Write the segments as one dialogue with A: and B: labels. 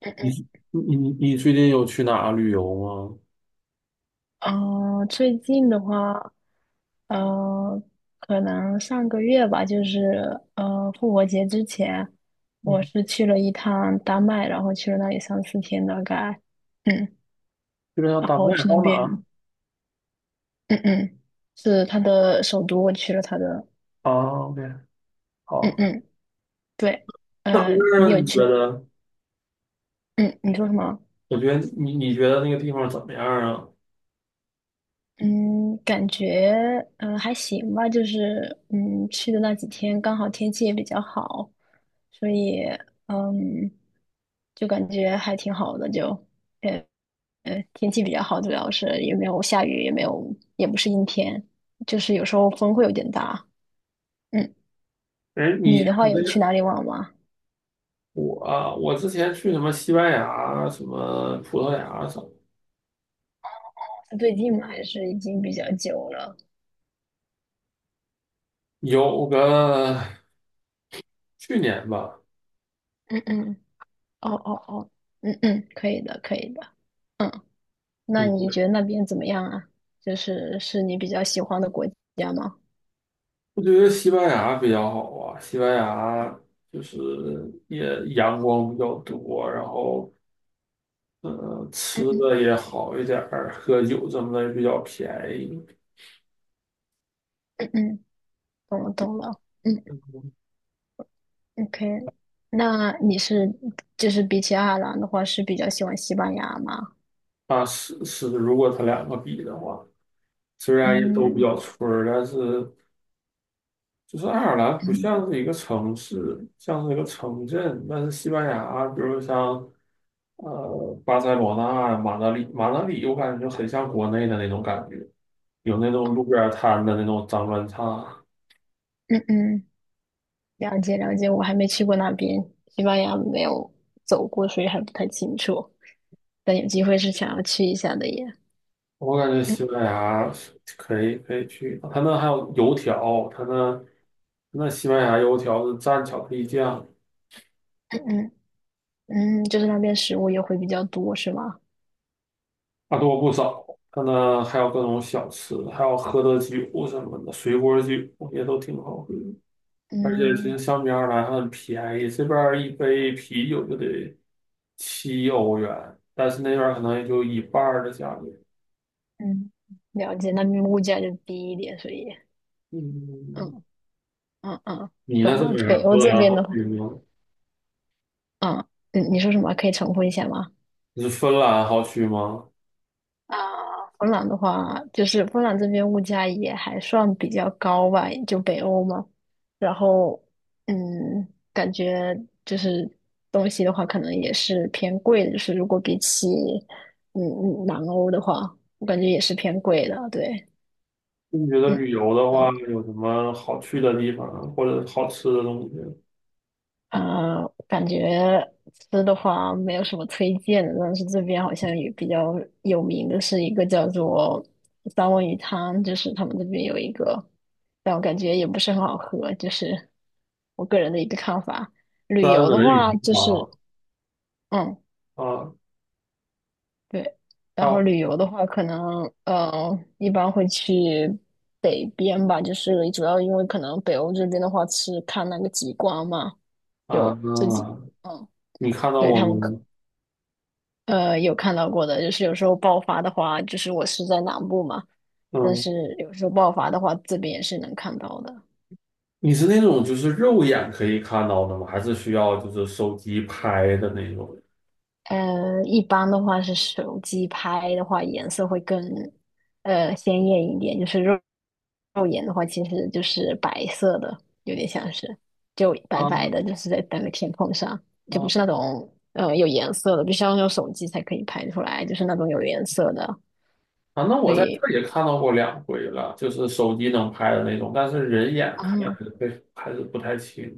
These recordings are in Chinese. A: 嗯
B: 你最近有去哪旅游吗？
A: 嗯，哦，最近的话，呃，可能上个月吧，就是复活节之前，
B: 嗯，
A: 我是去了一趟丹麦，然后去了那里3、4天大概，嗯，
B: 基本上
A: 然
B: 丹
A: 后
B: 麦
A: 去
B: 还
A: 那
B: 有哪
A: 边，
B: 儿？
A: 嗯嗯，是他的首都，我去了他的，
B: 啊哦，OK，
A: 嗯
B: 好。
A: 嗯，对，
B: 那
A: 你
B: 那
A: 有
B: 你觉
A: 去吗，
B: 得？
A: 嗯，你说什么？
B: 我觉得你你觉得那个地方怎么样啊？
A: 嗯，感觉还行吧，就是去的那几天刚好天气也比较好，所以嗯就感觉还挺好的，就呃天气比较好，主要是也没有下雨，也没有也不是阴天，就是有时候风会有点大。嗯，
B: 哎，你
A: 你
B: 你
A: 的话
B: 那
A: 有去
B: 个
A: 哪里玩吗？
B: 我之前去什么西班牙、什么葡萄牙什么，
A: 是最近吗？还是已经比较久了？
B: 有个去年吧。
A: 嗯嗯，哦哦哦，嗯嗯，可以的，可以的。嗯。那
B: 你觉
A: 你
B: 得
A: 觉得那边怎么样啊？就是是你比较喜欢的国家吗？
B: 我觉得西班牙比较好啊。西班牙就是也阳光比较多，然后吃
A: 嗯嗯
B: 的也好一点儿，喝酒什么的也比较便宜。
A: 嗯嗯，懂了懂了。嗯，OK。那你是就是比起爱尔兰的话，是比较喜欢西班牙吗？
B: 啊，是是，如果他两个比的话，虽然也都比
A: 嗯
B: 较村儿，但是就是爱尔兰不
A: 嗯
B: 像是一个城市，像是一个城镇。但是西班牙，比如像呃巴塞罗那、马德里，马德里我感觉就很像国内的那种感觉，有那种路边摊的那种脏乱差。
A: 嗯嗯，了解了解。我还没去过那边，西班牙没有走过，所以还不太清楚。但有机会是想要去一下的耶。
B: 我感觉西
A: 嗯
B: 班牙是可以去，他那还有油条，他那那西班牙油条是蘸巧克力酱，
A: 嗯嗯嗯，就是那边食物也会比较多，是吗？
B: 啊多不少。他那还有各种小吃，还有喝的酒什么的，水果酒也都挺好喝。而且其
A: 嗯。
B: 实相比而来还很便宜，这边儿一杯啤酒就得7欧元，但是那边儿可能也就一半儿的价格。
A: 嗯，了解，那边物价就低一点，所以，
B: 嗯，
A: 嗯嗯嗯，
B: 你那
A: 懂
B: 是
A: 了。
B: 哪
A: 北
B: 儿？
A: 欧
B: 芬
A: 这
B: 兰
A: 边的
B: 好
A: 话，
B: 去吗？
A: 嗯，嗯，你说什么？可以重复一下吗？
B: 你是芬兰好去吗？
A: 啊，芬兰的话，就是芬兰这边物价也还算比较高吧，就北欧嘛。然后，嗯，感觉就是东西的话，可能也是偏贵的，就是如果比起南欧的话，我感觉也是偏贵的，对，
B: 你觉得
A: 嗯。
B: 旅游的话，
A: 懂。
B: 有什么好去的地方，或者好吃的东西？
A: 感觉吃的话没有什么推荐的，但是这边好像也比较有名的是一个叫做三文鱼汤，就是他们这边有一个，但我感觉也不是很好喝，就是我个人的一个看法。旅
B: 三
A: 游的
B: 文
A: 话，
B: 鱼
A: 就
B: 吗？
A: 是嗯，
B: 啊，
A: 对，然后
B: 靠
A: 旅游的话，可能一般会去北边吧，就是主要因为可能北欧这边的话是看那个极光嘛，
B: 啊，
A: 有自己嗯。
B: 你看到
A: 对，
B: 过
A: 他
B: 吗？
A: 们可呃，有看到过的，就是有时候爆发的话，就是我是在南部嘛，但
B: 嗯，
A: 是有时候爆发的话，这边也是能看到的。
B: 你是那种就是肉眼可以看到的吗？还是需要就是手机拍的那种？
A: 一般的话是手机拍的话，颜色会更鲜艳一点，就是肉眼的话，其实就是白色的，有点像是就白白的，
B: 啊
A: 就是在那个天空上，就不是那
B: 啊
A: 种有颜色的，必须要用手机才可以拍出来，就是那种有颜色的，
B: 啊！那
A: 所
B: 我在这
A: 以。
B: 儿也看到过两回了，就是手机能拍的那种，但是人眼看还
A: 哦，
B: 是会还是不太清。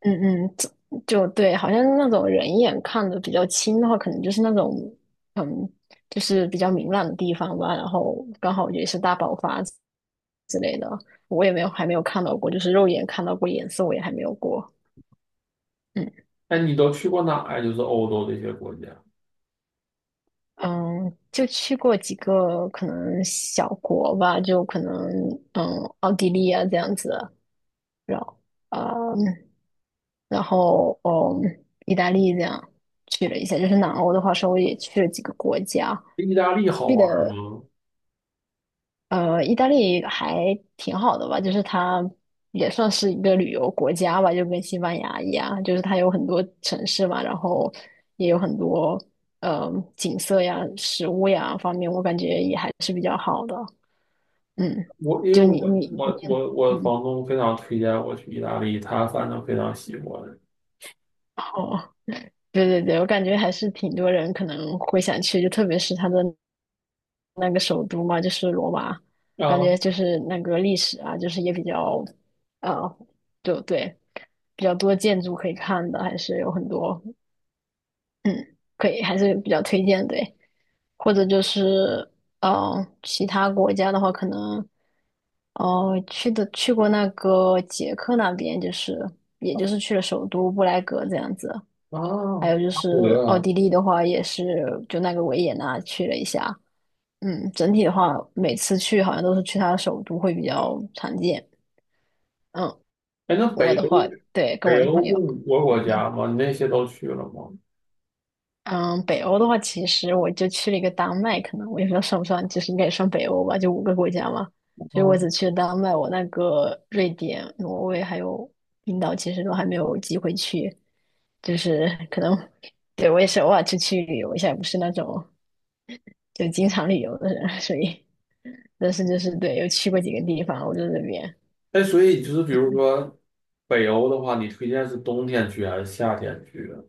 A: 嗯嗯，就对，好像那种人眼看的比较清的话，可能就是那种，嗯，就是比较明朗的地方吧。然后刚好也是大爆发之类的，我也没有还没有看到过，就是肉眼看到过颜色，我也还没有过。嗯
B: 哎，你都去过哪呀？就是欧洲这些国家。
A: 嗯，就去过几个可能小国吧，就可能嗯奥地利啊这样子，然后。嗯然后意大利这样去了一下，就是南欧的话，稍微也去了几个国家，
B: 意大利好
A: 去
B: 玩
A: 的
B: 吗？
A: 意大利还挺好的吧，就是它也算是一个旅游国家吧，就跟西班牙一样，就是它有很多城市嘛，然后也有很多呃景色呀、食物呀方面，我感觉也还是比较好的。嗯，
B: 因为
A: 就你，
B: 我
A: 嗯。
B: 房东非常推荐我去意大利，他反正非常喜欢。
A: 对对对，我感觉还是挺多人可能会想去，就特别是他的那个首都嘛，就是罗马，感
B: 啊
A: 觉就是那个历史啊，就是也比较，呃，就对，比较多建筑可以看的，还是有很多，嗯，可以，还是比较推荐，对。或者就是其他国家的话，可能去过那个捷克那边，就是也就是去了首都布莱格这样子，
B: 啊，
A: 还有就
B: 巴
A: 是
B: 德
A: 奥
B: 啊。
A: 地利的话，也是就那个维也纳去了一下。嗯，整体的话，每次去好像都是去他的首都会比较常见。嗯，
B: 哎，那
A: 我
B: 北
A: 的
B: 欧
A: 话，对，跟我
B: 北
A: 的
B: 欧
A: 朋
B: 不
A: 友。
B: 五个国
A: 嗯。
B: 家吗？你那些都去了吗？
A: 嗯，北欧的话，其实我就去了一个丹麦，可能我也不知道算不算，就是应该也算北欧吧，就五个国家嘛。所以我
B: 啊。
A: 只去了丹麦，我那个瑞典、挪威还有冰岛，其实都还没有机会去。就是可能，对，我也是偶尔出去旅游一下，不是那种就经常旅游的人，所以 但是就是对，有去过几个地方，我在这边。
B: 哎，所以就是比如说北欧的话，你推荐是冬天去还是夏天去啊？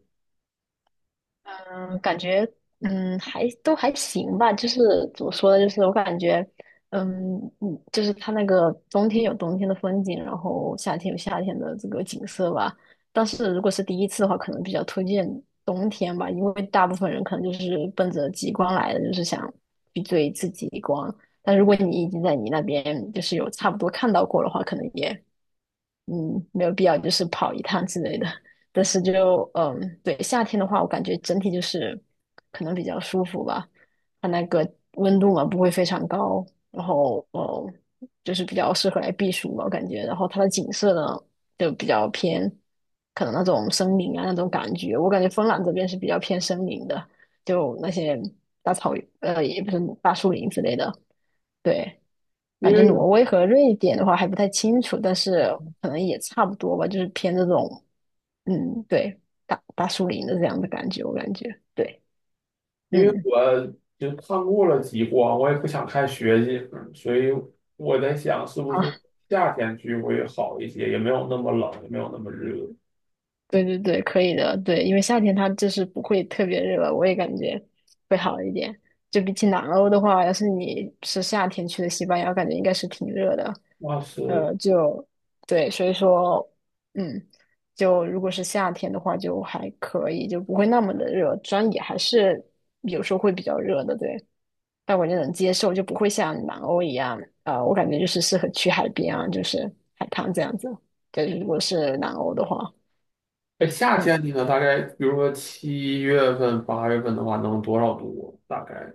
A: 嗯，感觉还都还行吧，就是怎么说呢，就是我感觉就是它那个冬天有冬天的风景，然后夏天有夏天的这个景色吧。但是如果是第一次的话，可能比较推荐冬天吧，因为大部分人可能就是奔着极光来的，就是想去追一次极光。但如果你已经在你那边就是有差不多看到过的话，可能也没有必要就是跑一趟之类的。但是就对，夏天的话，我感觉整体就是可能比较舒服吧，它那个温度嘛不会非常高，然后就是比较适合来避暑嘛，我感觉。然后它的景色呢就比较偏，可能那种森林啊那种感觉，我感觉芬兰这边是比较偏森林的，就那些大草原，也不是大树林之类的，对。
B: 因
A: 感觉
B: 为
A: 挪威和瑞典的话还不太清楚，但是可能也差不多吧，就是偏这种，嗯，对，大树林的这样的感觉，我感觉，对，
B: 因为
A: 嗯，
B: 我就看过了极光，我也不想看雪景，所以我在想是不是
A: 好。
B: 夏天去会好一些，也没有那么冷，也没有那么热。
A: 对对对，可以的。对，因为夏天它就是不会特别热我也感觉会好一点。就比起南欧的话，要是你是夏天去的西班牙，感觉应该是挺热的。
B: 那是。
A: 就对，所以说，嗯，就如果是夏天的话，就还可以，就不会那么的热。虽然也还是有时候会比较热的，对，但我就能接受，就不会像南欧一样。我感觉就是适合去海边啊，就是海滩这样子。对，如果是南欧的话。
B: 哎，夏
A: 嗯。
B: 天你呢？大概，比如说7月份、8月份的话，能多少度？大概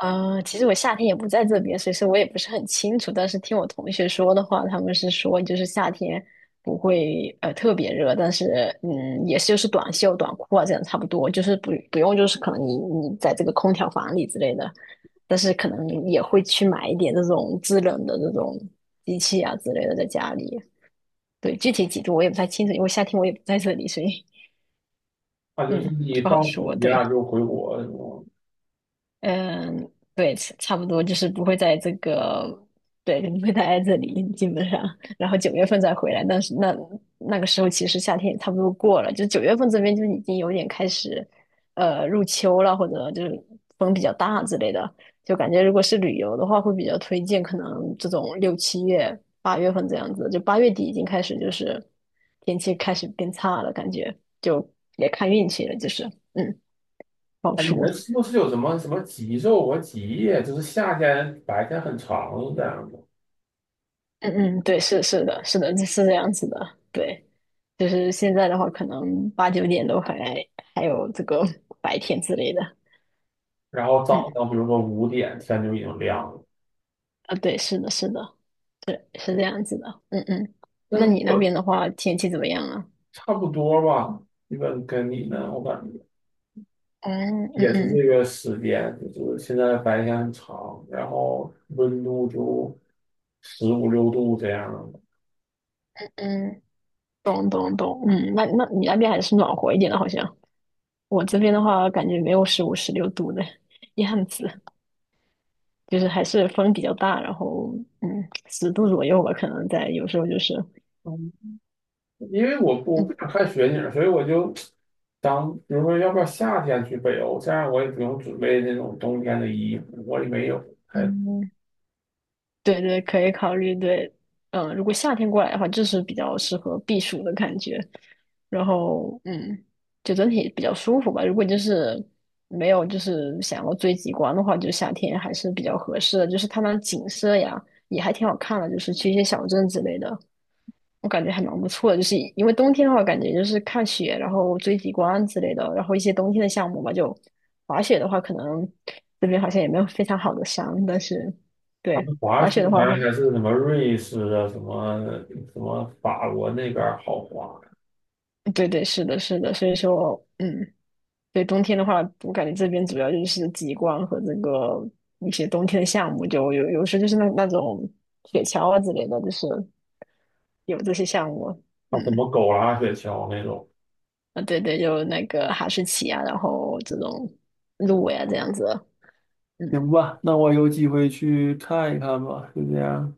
A: 其实我夏天也不在这边，所以说我也不是很清楚。但是听我同学说的话，他们是说就是夏天不会特别热，但是嗯，也是就是短袖、短裤啊这样差不多，就是不用就是可能你在这个空调房里之类的，但是可能也会去买一点这种制冷的这种机器啊之类的在家里。对，具体几度我也不太清楚，因为夏天我也不在这里，所以
B: 啊，就是
A: 嗯
B: 你
A: 不好
B: 放
A: 说。
B: 暑假
A: 对。
B: 就回国什么？
A: 嗯，对，差不多就是不会在这个，对，不会待在这里，基本上，然后九月份再回来。但是那那个时候其实夏天也差不多过了，就九月份这边就已经有点开始，入秋了，或者就是风比较大之类的。就感觉如果是旅游的话，会比较推荐可能这种6、7月、8月份这样子，就8月底已经开始就是天气开始变差了，感觉就也看运气了，就是嗯，不好
B: 哎，你
A: 说。
B: 们是不是有什么什么极昼和极夜？就是夏天白天很长是这样的，
A: 嗯嗯，对，是是的，是的，是这样子的，对，就是现在的话，可能8、9点都还有这个 白天之类的，
B: 然后
A: 嗯
B: 早上比如说5点天就已经亮了。
A: 啊，对，是的，是的，对，是这样子的，嗯嗯，
B: 但
A: 那
B: 是
A: 你那
B: 我
A: 边的话，天气怎么样啊？
B: 差不多吧，基本跟你呢，我感觉
A: 嗯嗯
B: 也是这
A: 嗯
B: 个时间，就是现在白天很长，然后温度就15、16度这样。
A: 嗯，懂懂懂，嗯，那你那边还是暖和一点的，好像我这边的话，感觉没有15、16度的 样子，就是还是风比较大，然后嗯，10度左右吧，可能在有时候就是。
B: 因为我不
A: 嗯
B: 想看雪景，所以我就想，比如说，要不要夏天去北欧？这样我也不用准备那种冬天的衣服，我也没有。还
A: 嗯，对对，可以考虑。对，嗯，如果夏天过来的话，就是比较适合避暑的感觉。然后，嗯，就整体比较舒服吧。如果就是没有就是想要追极光的话，就夏天还是比较合适的。就是它那景色呀，也还挺好看的。就是去一些小镇之类的，我感觉还蛮不错的。就是因为冬天的话，感觉就是看雪，然后追极光之类的，然后一些冬天的项目吧。就滑雪的话，可能这边好像也没有非常好的山，但是。
B: 他
A: 对，
B: 们滑
A: 滑
B: 雪
A: 雪的
B: 呢，
A: 话，
B: 然还是什么瑞士啊，什么什么法国那边儿好滑，
A: 对对，是的，是的，所以说，嗯，对，冬天的话，我感觉这边主要就是极光和这个一些冬天的项目，就有时就是那种雪橇啊之类的，就是有这些项目，
B: 啊，什
A: 嗯，
B: 么狗拉雪橇那种。
A: 啊，对对，有那个哈士奇啊，然后这种鹿呀、这样子，嗯。
B: 行吧，那我有机会去看一看吧，就这样。